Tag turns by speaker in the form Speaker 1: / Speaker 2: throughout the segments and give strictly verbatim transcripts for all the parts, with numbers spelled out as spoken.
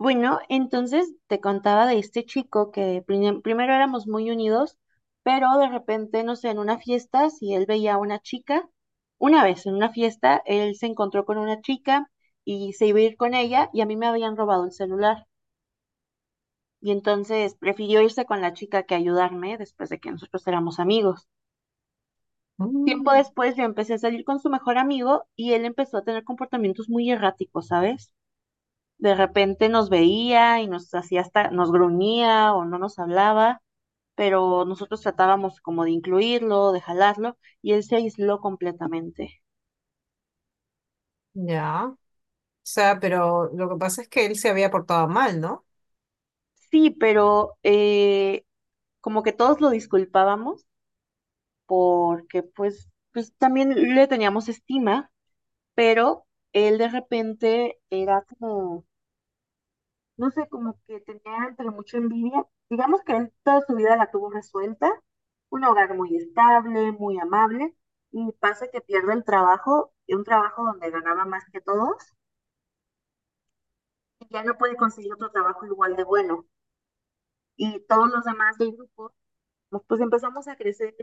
Speaker 1: Bueno, entonces te contaba de este chico que prim- primero éramos muy unidos, pero de repente, no sé, en una fiesta, si él veía a una chica, una vez en una fiesta, él se encontró con una chica y se iba a ir con ella y a mí me habían robado el celular. Y entonces prefirió irse con la chica que ayudarme después de que nosotros éramos amigos. Tiempo
Speaker 2: Mm,
Speaker 1: después yo empecé a salir con su mejor amigo y él empezó a tener comportamientos muy erráticos, ¿sabes? De repente nos veía y nos hacía hasta, nos gruñía o no nos hablaba, pero nosotros tratábamos como de incluirlo, de jalarlo, y él se aisló completamente.
Speaker 2: ya. O sea, pero lo que pasa es que él se había portado mal, ¿no?
Speaker 1: Sí, pero eh, como que todos lo disculpábamos porque pues, pues también le teníamos estima, pero él de repente era como no sé, como que tenía entre mucha envidia. Digamos que él toda su vida la tuvo resuelta, un hogar muy estable, muy amable, y pasa que pierde el trabajo, y un trabajo donde ganaba más que todos, y ya no puede conseguir otro trabajo igual de bueno. Y todos los demás del grupo, pues, pues empezamos a crecer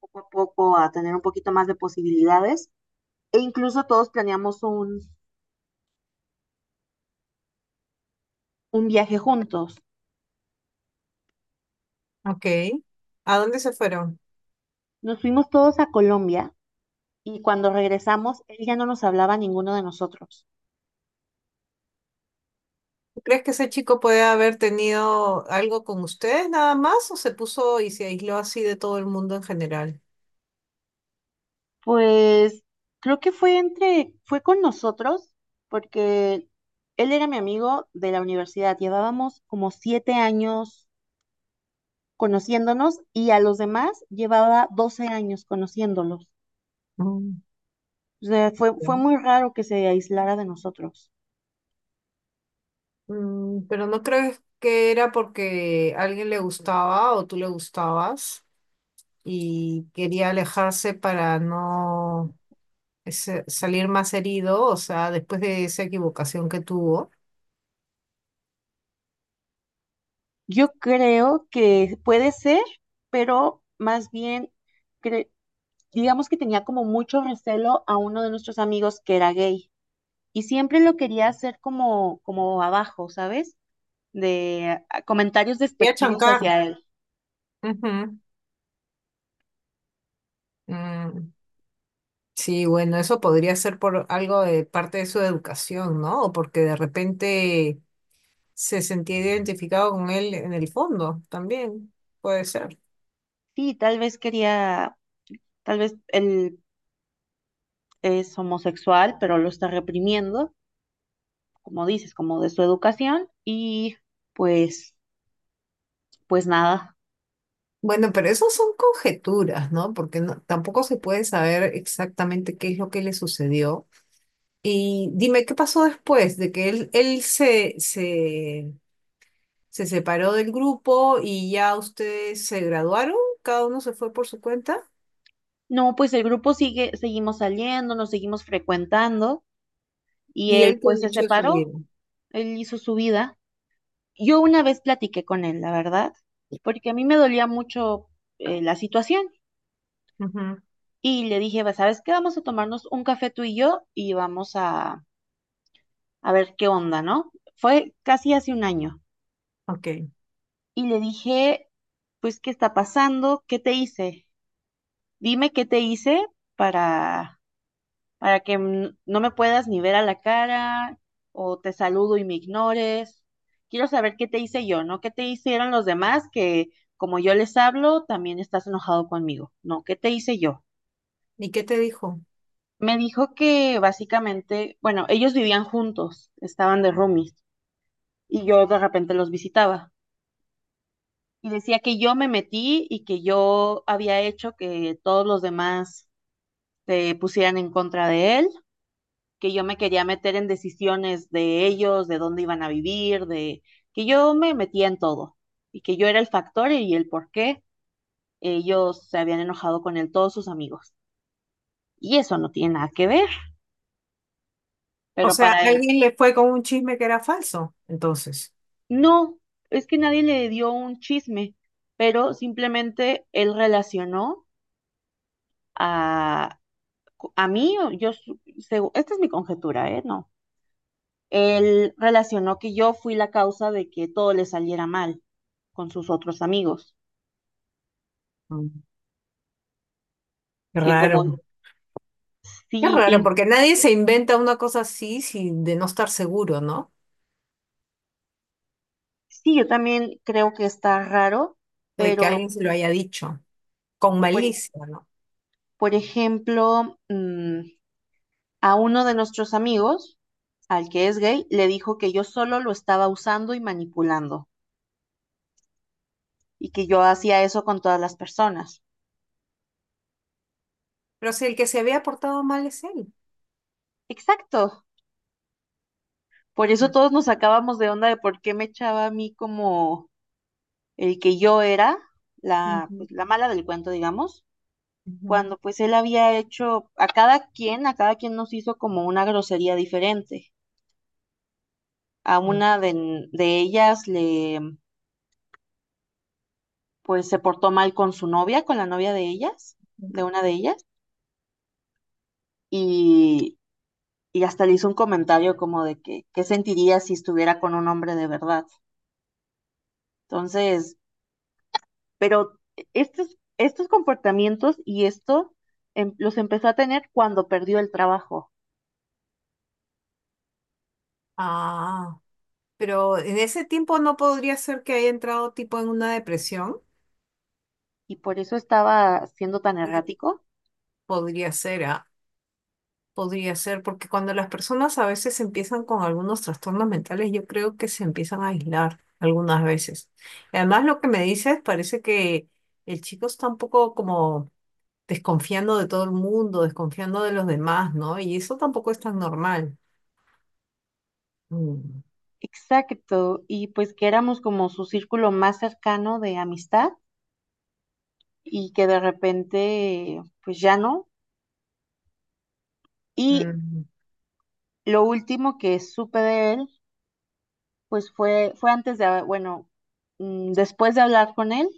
Speaker 1: poco a poco, a tener un poquito más de posibilidades, e incluso todos planeamos un, un viaje juntos.
Speaker 2: Ok. ¿A dónde se fueron?
Speaker 1: Nos fuimos todos a Colombia y cuando regresamos, él ya no nos hablaba a ninguno de nosotros.
Speaker 2: ¿Tú crees que ese chico puede haber tenido algo con ustedes nada más o se puso y se aisló así de todo el mundo en general?
Speaker 1: Pues creo que fue entre, fue con nosotros, porque él era mi amigo de la universidad. Llevábamos como siete años conociéndonos y a los demás llevaba doce años conociéndolos.
Speaker 2: Mm,
Speaker 1: O sea, fue, fue
Speaker 2: ya.
Speaker 1: muy raro que se aislara de nosotros.
Speaker 2: Mm, pero no crees que era porque alguien le gustaba o tú le gustabas y quería alejarse para no ese- salir más herido, o sea, después de esa equivocación que tuvo.
Speaker 1: Yo creo que puede ser, pero más bien, cre- digamos que tenía como mucho recelo a uno de nuestros amigos que era gay y siempre lo quería hacer como, como abajo, ¿sabes? De ah, comentarios
Speaker 2: Quería
Speaker 1: despectivos
Speaker 2: chancar.
Speaker 1: hacia él.
Speaker 2: Ujú. Mm, Sí, bueno, eso podría ser por algo de parte de su educación, ¿no? O porque de repente se sentía identificado con él en el fondo, también puede ser.
Speaker 1: Sí, tal vez quería, tal vez él es homosexual, pero lo está reprimiendo, como dices, como de su educación, y pues, pues nada.
Speaker 2: Bueno, pero eso son conjeturas, ¿no? Porque no- tampoco se puede saber exactamente qué es lo que le sucedió. Y dime, ¿qué pasó después de que él, él se, se, se, separó del grupo y ya ustedes se graduaron? ¿Cada uno se fue por su cuenta?
Speaker 1: No, pues el grupo sigue, seguimos saliendo, nos seguimos frecuentando, y
Speaker 2: ¿Y
Speaker 1: él
Speaker 2: él qué
Speaker 1: pues
Speaker 2: ha
Speaker 1: se
Speaker 2: hecho de su vida?
Speaker 1: separó, él hizo su vida. Yo una vez platiqué con él, la verdad, porque a mí me dolía mucho eh, la situación,
Speaker 2: Ujú.
Speaker 1: y le dije, "Va, ¿sabes qué? Vamos a tomarnos un café tú y yo, y vamos a a ver qué onda, ¿no? Fue casi hace un año
Speaker 2: Ok.
Speaker 1: y le dije, pues, ¿qué está pasando? ¿Qué te hice? Dime qué te hice para, para que n- no me puedas ni ver a la cara o te saludo y me ignores. Quiero saber qué te hice yo, ¿no? ¿Qué te hicieron los demás que como yo les hablo, también estás enojado conmigo? No, ¿qué te hice yo?
Speaker 2: ¿Y qué te dijo?
Speaker 1: Me dijo que básicamente, bueno, ellos vivían juntos, estaban de roomies y yo de repente los visitaba. Y decía que yo me metí y que yo había hecho que todos los demás se pusieran en contra de él, que yo me quería meter en decisiones de ellos, de dónde iban a vivir, de que yo me metía en todo y que yo era el factor y el por qué ellos se habían enojado con él, todos sus amigos. Y eso no tiene nada que ver,
Speaker 2: O
Speaker 1: pero
Speaker 2: sea,
Speaker 1: para él,
Speaker 2: alguien le fue con un chisme que era falso. Entonces,
Speaker 1: no, es que nadie le dio un chisme, pero simplemente él relacionó a co- a mí, o yo, su- segu- esta es mi conjetura, ¿eh? No. Él relacionó que yo fui la causa de que todo le saliera mal con sus otros amigos,
Speaker 2: mm. Qué
Speaker 1: que como
Speaker 2: raro. Qué
Speaker 1: sí,
Speaker 2: raro,
Speaker 1: in-
Speaker 2: porque nadie se inventa una cosa así sin de no estar seguro, ¿no?
Speaker 1: sí, yo también creo que está raro,
Speaker 2: De que
Speaker 1: pero
Speaker 2: alguien se lo haya dicho, con
Speaker 1: por,
Speaker 2: malicia, ¿no?
Speaker 1: por ejemplo, mm, a uno de nuestros amigos, al que es gay, le dijo que yo solo lo estaba usando y manipulando y que yo hacía eso con todas las personas.
Speaker 2: Pero si el que se había portado mal es él.
Speaker 1: Exacto. Por eso
Speaker 2: Mm.
Speaker 1: todos nos sacábamos de onda de por qué me echaba a mí como el que yo era la,
Speaker 2: Ujú,
Speaker 1: pues, la mala del cuento, digamos,
Speaker 2: ujú,
Speaker 1: cuando pues él había hecho a cada quien, a cada quien nos hizo como una grosería diferente. A una de, de ellas le, pues se portó mal con su novia, con la novia de ellas,
Speaker 2: ujú.
Speaker 1: de una de ellas, y, y hasta le hizo un comentario como de que, ¿qué sentiría si estuviera con un hombre de verdad? Entonces, pero estos, estos comportamientos y esto em- los empezó a tener cuando perdió el trabajo.
Speaker 2: Ah, pero en ese tiempo no podría ser que haya entrado tipo en una depresión.
Speaker 1: Y por eso estaba siendo tan
Speaker 2: Puede-
Speaker 1: errático.
Speaker 2: Podría ser, ¿ah? Podría ser, porque cuando las personas a veces empiezan con algunos trastornos mentales, yo creo que se empiezan a aislar algunas veces. Y además, lo que me dices, parece que el chico está un poco como desconfiando de todo el mundo, desconfiando de los demás, ¿no? Y eso tampoco es tan normal. Mm.
Speaker 1: Exacto, y pues que éramos como su círculo más cercano de amistad y que de repente pues ya no. Y
Speaker 2: Mm.
Speaker 1: lo último que supe de él pues fue, fue antes de, ah, bueno, mm, después de hablar con él,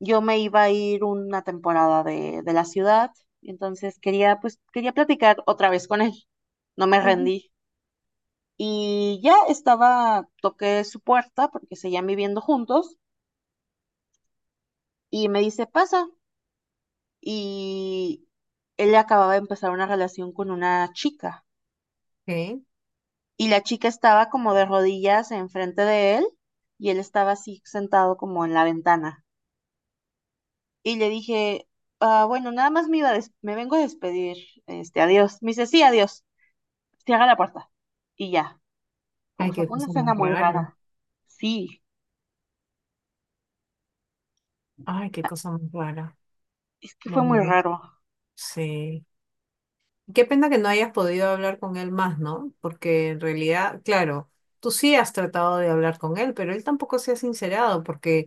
Speaker 1: yo me iba a ir una temporada de, de la ciudad, entonces quería pues quería platicar otra vez con él, no me
Speaker 2: Ujú.
Speaker 1: rendí. Y ya estaba, toqué su puerta porque seguían viviendo juntos. Y me dice, pasa. Y él acababa de empezar una relación con una chica.
Speaker 2: Ok.
Speaker 1: Y la chica estaba como de rodillas enfrente de él y él estaba así sentado como en la ventana. Y le dije, "Ah, bueno, nada más me iba a des- me vengo a despedir, este, adiós. Me dice, sí, adiós. Cierra la puerta. Y ya.
Speaker 2: Ay,
Speaker 1: O sea,
Speaker 2: qué
Speaker 1: fue una
Speaker 2: cosa
Speaker 1: escena
Speaker 2: más
Speaker 1: muy
Speaker 2: rara.
Speaker 1: rara. Sí,
Speaker 2: Ay, qué cosa más rara.
Speaker 1: es que fue muy
Speaker 2: Bueno,
Speaker 1: raro.
Speaker 2: sí. Qué pena que no hayas podido hablar con él más, ¿no? Porque en realidad, claro, tú sí has tratado de hablar con él, pero él tampoco se ha sincerado porque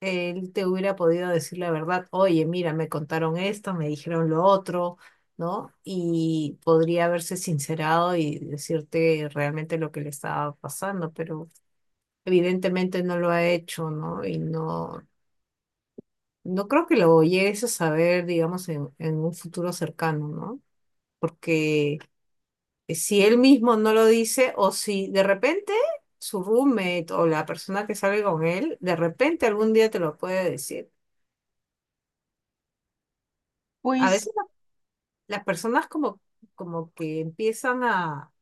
Speaker 2: él te hubiera podido decir la verdad, oye, mira, me contaron esto, me dijeron lo otro, ¿no? Y podría haberse sincerado y decirte realmente lo que le estaba pasando, pero evidentemente no lo ha hecho, ¿no? Y no, no creo que lo llegues a saber, digamos, en, en un futuro cercano, ¿no? Porque si él mismo no lo dice o si de repente su roommate o la persona que sale con él, de repente algún día te lo puede decir. A
Speaker 1: Pues
Speaker 2: veces la- las personas como, como que empiezan a,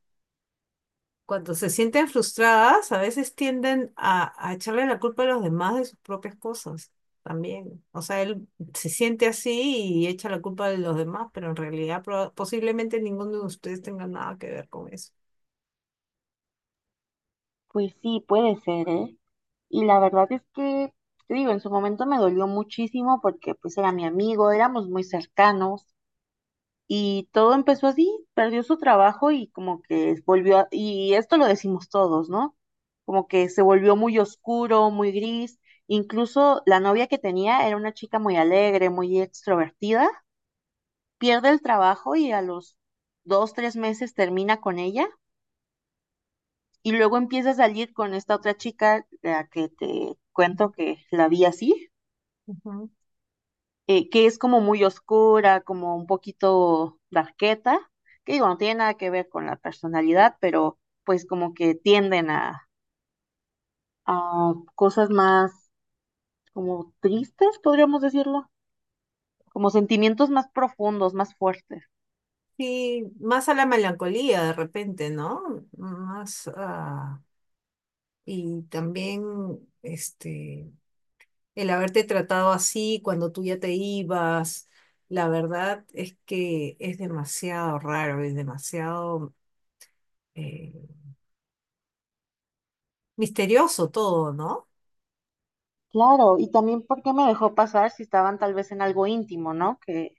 Speaker 2: cuando se sienten frustradas, a veces tienden a, a echarle la culpa a los demás de sus propias cosas también. O sea, él se siente así y echa la culpa de los demás, pero en realidad proba- posiblemente ninguno de ustedes tenga nada que ver con eso.
Speaker 1: Pues sí, puede ser, ¿eh? Y la verdad es que, te digo, en su momento me dolió muchísimo porque pues era mi amigo, éramos muy cercanos y todo empezó así, perdió su trabajo y como que volvió, a- y esto lo decimos todos, ¿no? Como que se volvió muy oscuro, muy gris, incluso la novia que tenía era una chica muy alegre, muy extrovertida, pierde el trabajo y a los dos, tres meses termina con ella. Y luego empieza a salir con esta otra chica, la que te cuento que la vi así,
Speaker 2: Ujú.
Speaker 1: eh, que es como muy oscura, como un poquito darqueta, que digo, no tiene nada que ver con la personalidad, pero pues como que tienden a, a cosas más como tristes, podríamos decirlo, como sentimientos más profundos, más fuertes.
Speaker 2: Sí, más a la melancolía de repente, ¿no? Más a... Y también este, el haberte tratado así cuando tú ya te ibas, la verdad es que es demasiado raro, es demasiado eh, misterioso todo, ¿no?
Speaker 1: Claro, y también porque me dejó pasar si estaban tal vez en algo íntimo, ¿no? Que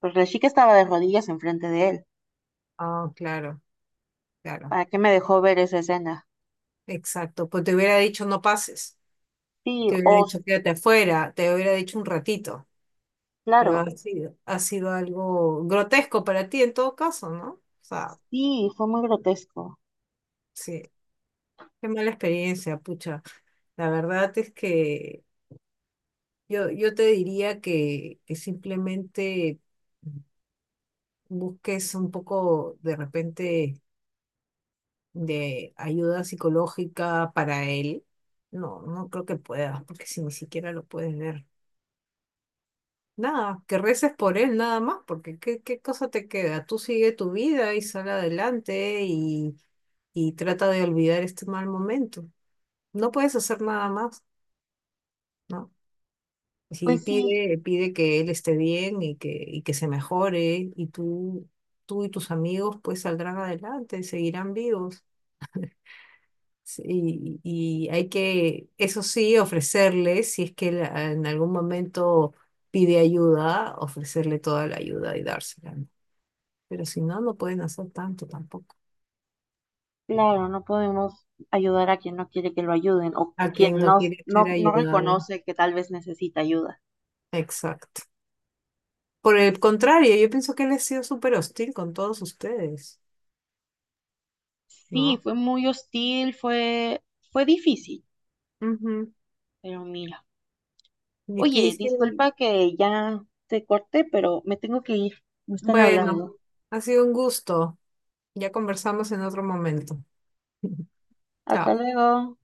Speaker 1: pues la chica estaba de rodillas enfrente de él.
Speaker 2: Ah, claro, claro,
Speaker 1: ¿Para qué me dejó ver esa escena?
Speaker 2: exacto. Pues te hubiera dicho no pases,
Speaker 1: Sí,
Speaker 2: te hubiera
Speaker 1: o
Speaker 2: dicho quédate afuera, te hubiera dicho un ratito, pero ha
Speaker 1: claro,
Speaker 2: sido, ha sido algo grotesco para ti en todo caso, ¿no? O sea,
Speaker 1: sí, fue muy grotesco.
Speaker 2: sí, qué mala experiencia, pucha. La verdad es que yo, yo te diría que, que simplemente busques un poco de repente de ayuda psicológica para él. No, no creo que puedas, porque si ni siquiera lo puedes ver. Nada, que reces por él nada más, porque ¿qué, qué cosa te queda? Tú sigue tu vida y sal adelante y, y trata de olvidar este mal momento. No puedes hacer nada más, ¿no? Sí,
Speaker 1: Pues sí,
Speaker 2: pide, pide que él esté bien y que, y que se mejore y tú, tú y tus amigos pues saldrán adelante, seguirán vivos. Sí, Y, y hay que, eso sí, ofrecerles, si es que él, ah, en algún momento pide ayuda, ofrecerle toda la ayuda y dársela, ¿no? Pero si no, no pueden hacer tanto tampoco.
Speaker 1: claro, no podemos ayudar a quien no quiere que lo ayuden o
Speaker 2: A quien
Speaker 1: quien
Speaker 2: no
Speaker 1: no,
Speaker 2: quiere
Speaker 1: no,
Speaker 2: ser
Speaker 1: no
Speaker 2: ayudado.
Speaker 1: reconoce que tal vez necesita ayuda.
Speaker 2: Exacto. Por el contrario, yo pienso que él ha sido súper hostil con todos ustedes,
Speaker 1: Sí,
Speaker 2: ¿no?
Speaker 1: fue muy hostil, fue, fue difícil,
Speaker 2: Ujú.
Speaker 1: pero mira. Oye,
Speaker 2: Difícil.
Speaker 1: disculpa que ya te corté, pero me tengo que ir. Me están
Speaker 2: Bueno,
Speaker 1: hablando.
Speaker 2: ha sido un gusto. Ya conversamos en otro momento.
Speaker 1: Hasta
Speaker 2: Chao.
Speaker 1: luego.